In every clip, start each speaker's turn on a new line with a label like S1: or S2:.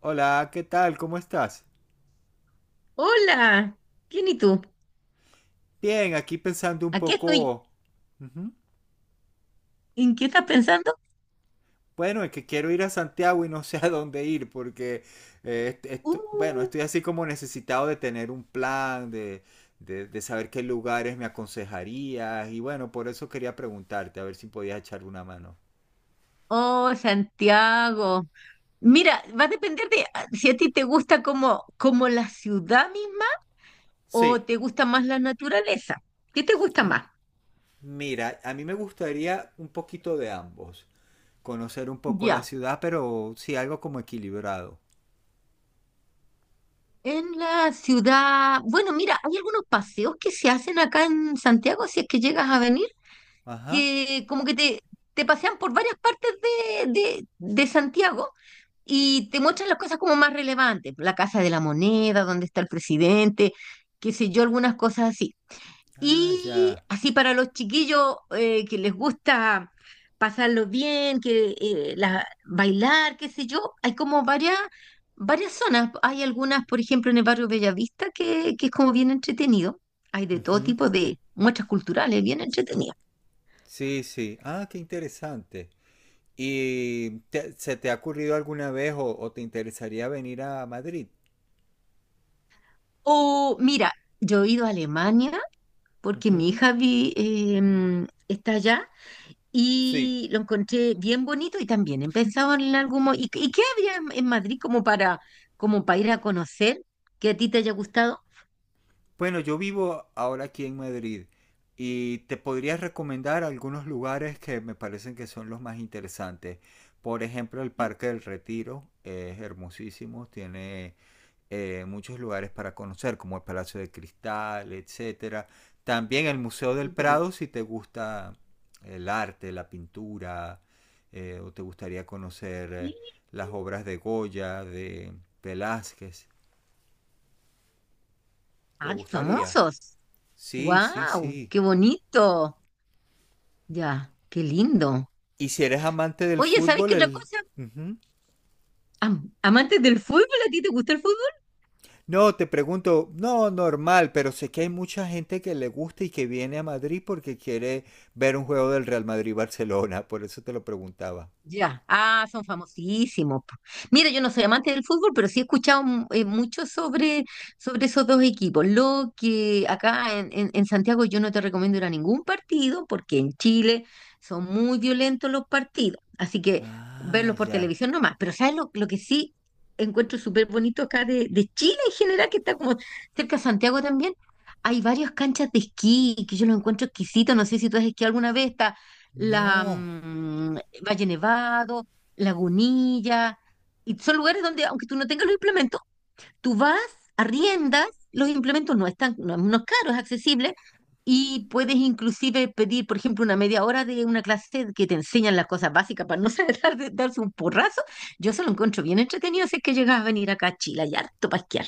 S1: Hola, ¿qué tal? ¿Cómo estás?
S2: Hola, ¿quién y tú?
S1: Bien, aquí pensando un
S2: Aquí estoy.
S1: poco. Ujú.
S2: ¿En qué estás pensando?
S1: Bueno, es que quiero ir a Santiago y no sé a dónde ir porque,
S2: Uh,
S1: bueno, estoy así como necesitado de tener un plan, de saber qué lugares me aconsejarías y bueno, por eso quería preguntarte, a ver si podías echarle una mano.
S2: oh, Santiago. Mira, va a depender de si a ti te gusta como la ciudad misma o
S1: Sí.
S2: te gusta más la naturaleza. ¿Qué te gusta
S1: M-
S2: más?
S1: Mira, a mí me gustaría un poquito de ambos, conocer un poco la
S2: Ya.
S1: ciudad, pero sí algo como equilibrado.
S2: En la ciudad, bueno, mira, hay algunos paseos que se hacen acá en Santiago si es que llegas a venir,
S1: Ajá.
S2: que como que te pasean por varias partes de Santiago y te muestran las cosas como más relevantes, la Casa de la Moneda, donde está el presidente, qué sé yo, algunas cosas así.
S1: Ah,
S2: Y
S1: ya.
S2: así para los chiquillos que les gusta pasarlo bien, que bailar, qué sé yo, hay como varias zonas. Hay algunas, por ejemplo, en el barrio Bellavista, que es como bien entretenido. Hay de todo tipo de muestras culturales, bien entretenido.
S1: Sí, sí. Ah, qué interesante. ¿Y se te ha ocurrido alguna vez o te interesaría venir a Madrid?
S2: O mira, yo he ido a Alemania porque mi
S1: Ujú.
S2: hija vi- em, está allá
S1: Sí.
S2: y lo encontré bien bonito y también he pensado en algún mo- ¿Y, qué había en Madrid como para, como para ir a conocer que a ti te haya gustado?
S1: Bueno, yo vivo ahora aquí en Madrid y te podría recomendar algunos lugares que me parecen que son los más interesantes. Por ejemplo, el
S2: Sí,
S1: Parque del Retiro es hermosísimo, tiene muchos lugares para conocer, como el Palacio de Cristal, etcétera. También el Museo del
S2: sí, qué bonito.
S1: Prado, si te gusta el arte, la pintura, o te gustaría conocer
S2: Sí.
S1: las obras de Goya, de Velázquez. ¿Te
S2: ¡Ah, qué
S1: gustaría?
S2: famosos!
S1: Sí, sí,
S2: ¡Wow!
S1: sí.
S2: ¡Qué bonito! Ya, qué lindo.
S1: ¿Y si eres amante del
S2: Oye, ¿sabes
S1: fútbol,
S2: qué otra
S1: el...
S2: cosa?
S1: Ujú.
S2: Amantes del fútbol, ¿a ti te gusta el fútbol?
S1: No, te pregunto, no, normal, pero sé que hay mucha gente que le gusta y que viene a Madrid porque quiere ver un juego del Real Madrid-Barcelona, por eso te lo preguntaba.
S2: Ya, ah, son famosísimos, po. Mira, yo no soy amante del fútbol, pero sí he escuchado mucho sobre esos dos equipos. Lo que acá en Santiago yo no te recomiendo ir a ningún partido, porque en Chile son muy violentos los partidos, así que
S1: Ah,
S2: verlos por
S1: ya.
S2: televisión nomás. Pero ¿sabes lo que sí encuentro súper bonito acá de Chile en general, que está como cerca de Santiago también? Hay varias canchas de esquí que yo los encuentro exquisitos. No sé si tú has esquiado alguna vez la
S1: No.
S2: mm, Valle Nevado, Lagunilla, y son lugares donde, aunque tú no tengas los implementos, tú vas, arriendas, los implementos no están, no, no es caro, es accesible, y puedes inclusive pedir, por ejemplo, una media hora de una clase que te enseñan las cosas básicas para no saber darse un porrazo. Yo se lo encuentro bien entretenido si es que llegas a venir acá a Chile, y harto para esquiar.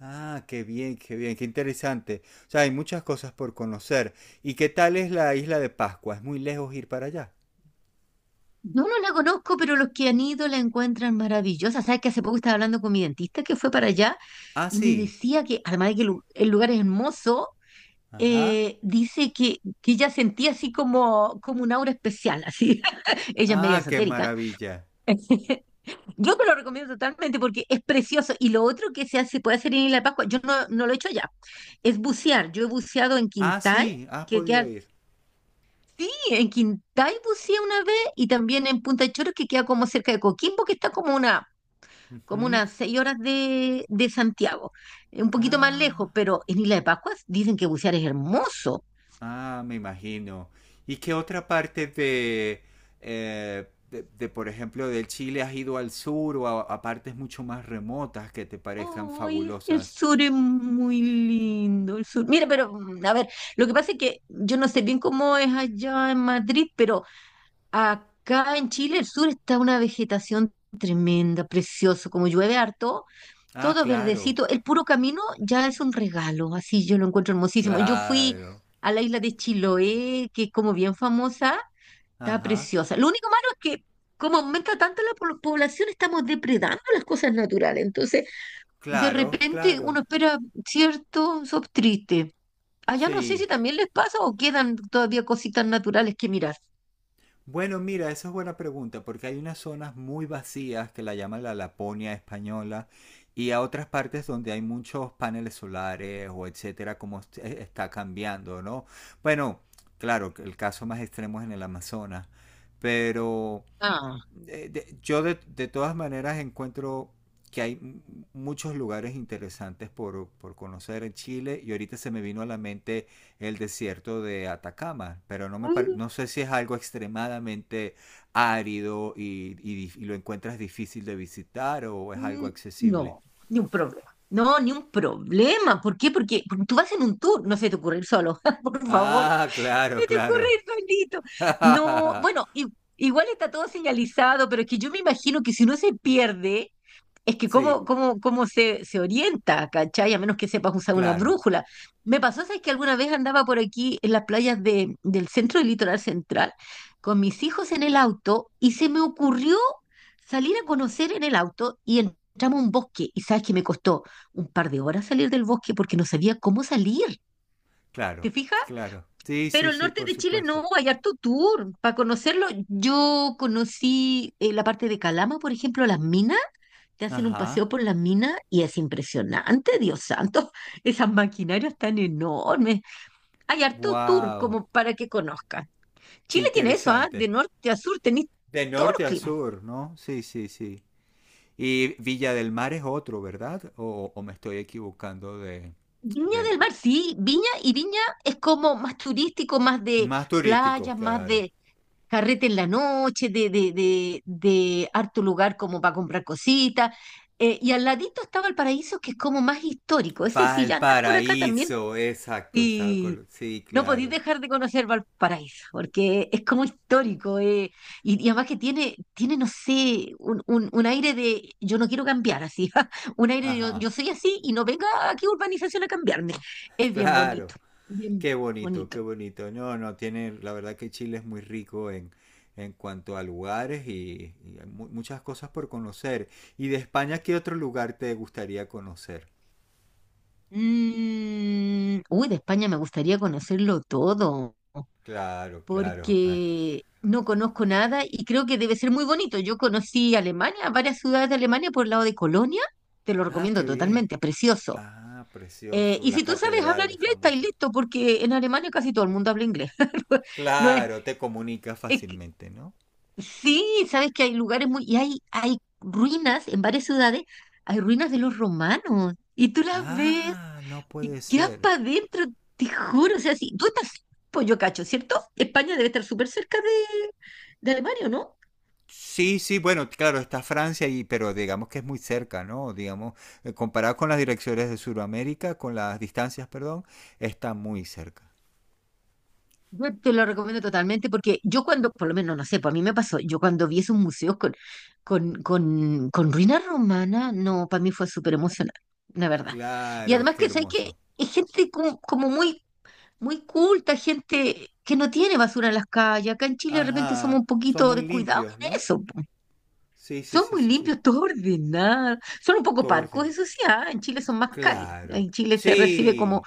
S1: Ah, qué bien, qué bien, qué interesante. O sea, hay muchas cosas por conocer. ¿Y qué tal es la isla de Pascua? ¿Es muy lejos ir para allá?
S2: No, no la conozco, pero los que han ido la encuentran maravillosa. Sabes que hace poco estaba hablando con mi dentista que fue para allá
S1: Ah,
S2: y me
S1: sí.
S2: decía que, además de que el lugar es hermoso,
S1: Ajá.
S2: dice que ella sentía así como un aura especial, así. Ella es media
S1: Ah, qué
S2: esotérica.
S1: maravilla.
S2: Yo te lo recomiendo totalmente porque es precioso. Y lo otro que se hace, puede hacer en Isla de Pascua, yo no lo he hecho allá, es bucear. Yo he buceado en
S1: Ah,
S2: Quintal,
S1: sí, has
S2: que
S1: podido
S2: queda
S1: ir.
S2: sí, en Quintay buceé una vez y también en Punta Choros, que queda como cerca de Coquimbo, que está como una, como
S1: Ujú.
S2: unas seis horas de Santiago, un poquito más lejos,
S1: Ah,
S2: pero en Isla de Pascuas dicen que bucear es hermoso.
S1: ah, me imagino. ¿Y qué otra parte de, por ejemplo, del Chile has ido al sur o a partes mucho más remotas que te parezcan
S2: Ay, el
S1: fabulosas?
S2: sur es muy lindo, el sur. Mira, pero a ver, lo que pasa es que yo no sé bien cómo es allá en Madrid, pero acá en Chile el sur está una vegetación tremenda, precioso, como llueve harto.
S1: Ah,
S2: Todo
S1: claro.
S2: verdecito, el puro camino ya es un regalo, así yo lo encuentro hermosísimo. Yo fui
S1: Claro.
S2: a la isla de Chiloé, que es como bien famosa, está
S1: Ajá.
S2: preciosa. Lo único malo es que como aumenta tanto la población, estamos depredando las cosas naturales. Entonces, de
S1: Claro,
S2: repente uno
S1: claro.
S2: espera cierto sob triste. Allá no sé
S1: Sí.
S2: si también les pasa o quedan todavía cositas naturales que mirar.
S1: Bueno, mira, esa es buena pregunta, porque hay unas zonas muy vacías que la llaman la Laponia española y a otras partes donde hay muchos paneles solares o etcétera, como está cambiando, ¿no? Bueno, claro, que el caso más extremo es en el Amazonas, pero
S2: Ah.
S1: yo de todas maneras encuentro que muchos lugares interesantes por conocer en Chile y ahorita se me vino a la mente el desierto de Atacama, pero no sé si es algo extremadamente árido y y lo encuentras difícil de visitar o es algo
S2: Mm,
S1: accesible.
S2: No, ni un problema. No, ni un problema. ¿Por qué? Porque tú vas en un tour, no se te ocurre ir solo, por favor.
S1: Ah, claro,
S2: ¿Qué te ocurre
S1: claro.
S2: ir solito? No, bueno, igual está todo señalizado, pero es que yo me imagino que si uno se pierde, es que
S1: Sí,
S2: cómo se orienta, ¿cachai? A menos que sepas usar una
S1: claro,
S2: brújula. Me pasó, ¿sabes? Que alguna vez andaba por aquí en las playas del centro del litoral central con mis hijos en el auto y se me ocurrió salir a conocer en el auto y entramos a un bosque. Y sabes que me costó un par de horas salir del bosque porque no sabía cómo salir.
S1: claro,
S2: ¿Te fijas?
S1: claro. Sí, sí,
S2: Pero el
S1: sí,
S2: norte
S1: por
S2: de Chile
S1: supuesto.
S2: no, hay harto tour. Para conocerlo, yo conocí la parte de Calama, por ejemplo, las minas. Te hacen un
S1: Ajá.
S2: paseo por las minas y es impresionante, Dios santo. Esas maquinarias tan enormes. Hay harto tour
S1: Wow,
S2: como para que conozcas.
S1: qué
S2: Chile tiene eso, ¿ah? De
S1: interesante.
S2: norte a sur tenés
S1: De
S2: todos los
S1: norte a
S2: climas.
S1: sur, ¿no? Sí, sí, sí. Y Villa del Mar es otro, ¿verdad? O me estoy equivocando
S2: Viña del
S1: de...
S2: Mar, sí, Viña y Viña es como más turístico, más de
S1: Más turístico,
S2: playas, más
S1: claro.
S2: de carrete en la noche, de harto lugar como para comprar cositas. Y al ladito estaba el paraíso, que es como más histórico. Ese, si ya andas por acá también
S1: Valparaíso, exacto, estaba
S2: y
S1: con... Sí,
S2: no podéis
S1: claro.
S2: dejar de conocer Valparaíso, porque es como histórico. Y, y además que tiene, tiene no sé, un aire de yo no quiero cambiar así. Un aire de yo,
S1: Ajá,
S2: yo soy así y no venga aquí urbanización a cambiarme. Es bien
S1: claro.
S2: bonito, bien
S1: Qué bonito,
S2: bonito.
S1: qué bonito. No, no, tiene, la verdad que Chile es muy rico en cuanto a lugares y hay muchas cosas por conocer. ¿Y de España qué otro lugar te gustaría conocer?
S2: Uy, de España me gustaría conocerlo todo,
S1: Claro, claro.
S2: porque no conozco nada y creo que debe ser muy bonito. Yo conocí Alemania, varias ciudades de Alemania por el lado de Colonia, te lo
S1: Ah,
S2: recomiendo
S1: qué bien.
S2: totalmente, precioso.
S1: Ah, precioso.
S2: Y si
S1: La
S2: tú sabes hablar
S1: catedral es
S2: inglés, está
S1: famosa.
S2: listo, porque en Alemania casi todo el mundo habla inglés. No es,
S1: Claro, te comunica
S2: es que-
S1: fácilmente, ¿no?
S2: sí, sabes que hay lugares muy, y hay ruinas en varias ciudades, hay ruinas de los romanos, y tú las ves.
S1: Ah, no
S2: Y
S1: puede
S2: quedas
S1: ser.
S2: para adentro, te juro. O sea, si tú estás, pues yo cacho, ¿cierto? España debe estar súper cerca de Alemania, ¿o ¿no?
S1: Sí, sí, bueno, claro, está Francia, y, pero digamos que es muy cerca, ¿no? Digamos, comparado con las direcciones de Sudamérica, con las distancias, perdón, está muy cerca.
S2: Yo te lo recomiendo totalmente porque yo cuando, por lo menos no sé, pues a mí me pasó, yo cuando vi esos museos con ruinas romanas, no, para mí fue súper emocionante, la verdad. Y
S1: Claro,
S2: además
S1: qué
S2: que, ¿sabes qué?
S1: hermoso.
S2: Es gente como muy culta, gente que no tiene basura en las calles. Acá en Chile de repente somos
S1: Ajá,
S2: un
S1: son
S2: poquito
S1: muy
S2: descuidados
S1: limpios,
S2: en
S1: ¿no?
S2: eso.
S1: Sí, sí,
S2: Son
S1: sí,
S2: muy
S1: sí, sí.
S2: limpios, todo ordenado. Son un poco
S1: Todo
S2: parcos,
S1: orden.
S2: eso sí, ah, en Chile son más cálidos.
S1: Claro.
S2: En Chile se recibe como,
S1: Sí,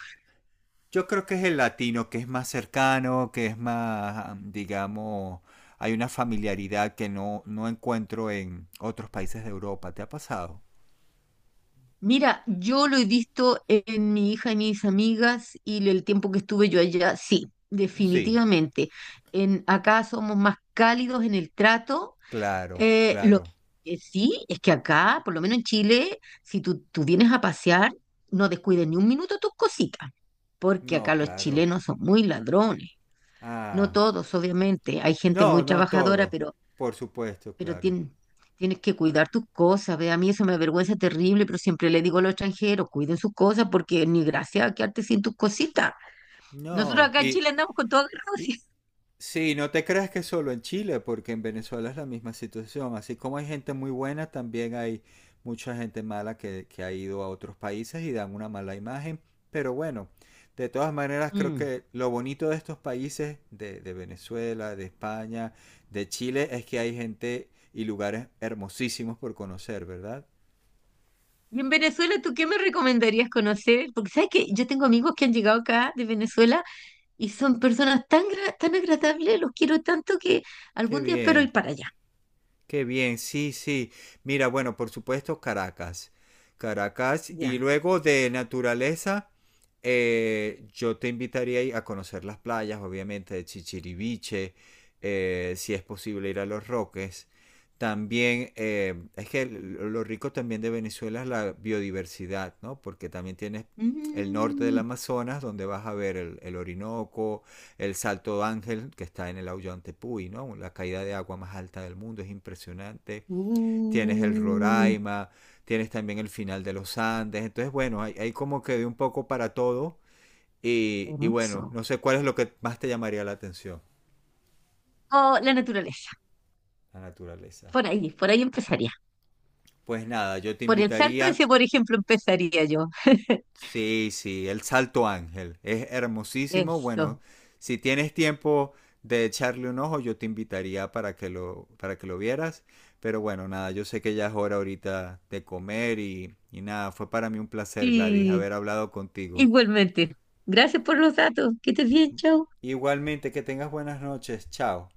S1: yo creo que es el latino, que es más cercano, que es más, digamos, hay una familiaridad que no encuentro en otros países de Europa. ¿Te ha pasado?
S2: mira, yo lo he visto en mi hija y mis amigas y el tiempo que estuve yo allá, sí,
S1: Sí,
S2: definitivamente. Acá somos más cálidos en el trato.
S1: claro,
S2: Lo
S1: claro.
S2: que sí es que acá, por lo menos en Chile, si tú, tú vienes a pasear, no descuides ni un minuto tus cositas, porque acá
S1: No,
S2: los
S1: claro.
S2: chilenos son muy ladrones. No
S1: Ah,
S2: todos, obviamente. Hay gente
S1: no,
S2: muy
S1: no
S2: trabajadora,
S1: todo.
S2: pero,
S1: Por supuesto,
S2: pero
S1: claro.
S2: tien- tienes que cuidar tus cosas. Ve, a mí eso me avergüenza terrible, pero siempre le digo a los extranjeros, cuiden sus cosas porque ni gracia quedarte sin tus cositas. Nosotros
S1: No,
S2: acá en Chile andamos con todo agarrado,
S1: y,
S2: sí.
S1: sí, no te creas que solo en Chile, porque en Venezuela es la misma situación. Así como hay gente muy buena, también hay mucha gente mala que ha ido a otros países y dan una mala imagen. Pero bueno, de todas maneras creo
S2: Mm.
S1: que lo bonito de estos países, de Venezuela, de España, de Chile, es que hay gente y lugares hermosísimos por conocer, ¿verdad?
S2: Y en Venezuela, ¿tú qué me recomendarías conocer? Porque sabes que yo tengo amigos que han llegado acá de Venezuela y son personas tan, tan agradables, los quiero tanto que
S1: Qué
S2: algún día espero
S1: bien.
S2: ir para allá.
S1: Qué bien, sí, sí. Mira, bueno, por supuesto Caracas. Caracas y
S2: Ya.
S1: luego de naturaleza, yo te invitaría ahí a conocer las playas, obviamente, de Chichiriviche, si es posible ir a Los Roques. También, es que lo rico también de Venezuela es la biodiversidad, ¿no? Porque también tienes el norte del
S2: Mm.
S1: Amazonas, donde vas a ver el Orinoco, el Salto Ángel, que está en el Aullante Puy, ¿no? La caída de agua más alta del mundo, es impresionante. Tienes el
S2: Uh,
S1: Roraima, tienes también el final de los Andes. Entonces, bueno, hay como que de un poco para todo. Y bueno,
S2: hermoso.
S1: no sé cuál es lo que más te llamaría la atención,
S2: O la naturaleza.
S1: la naturaleza.
S2: Por ahí empezaría.
S1: Pues nada, yo te
S2: Por el salto
S1: invitaría.
S2: ese, por ejemplo, empezaría yo.
S1: Sí, sí, el Salto Ángel. Es hermosísimo. Bueno,
S2: Eso.
S1: si tienes tiempo de echarle un ojo, yo te invitaría para que para que lo vieras. Pero bueno, nada, yo sé que ya es hora ahorita de comer y nada, fue para mí un placer, Gladys,
S2: Sí,
S1: haber hablado contigo.
S2: igualmente. Gracias por los datos. Que estés bien, chao.
S1: Igualmente, que tengas buenas noches. Chao.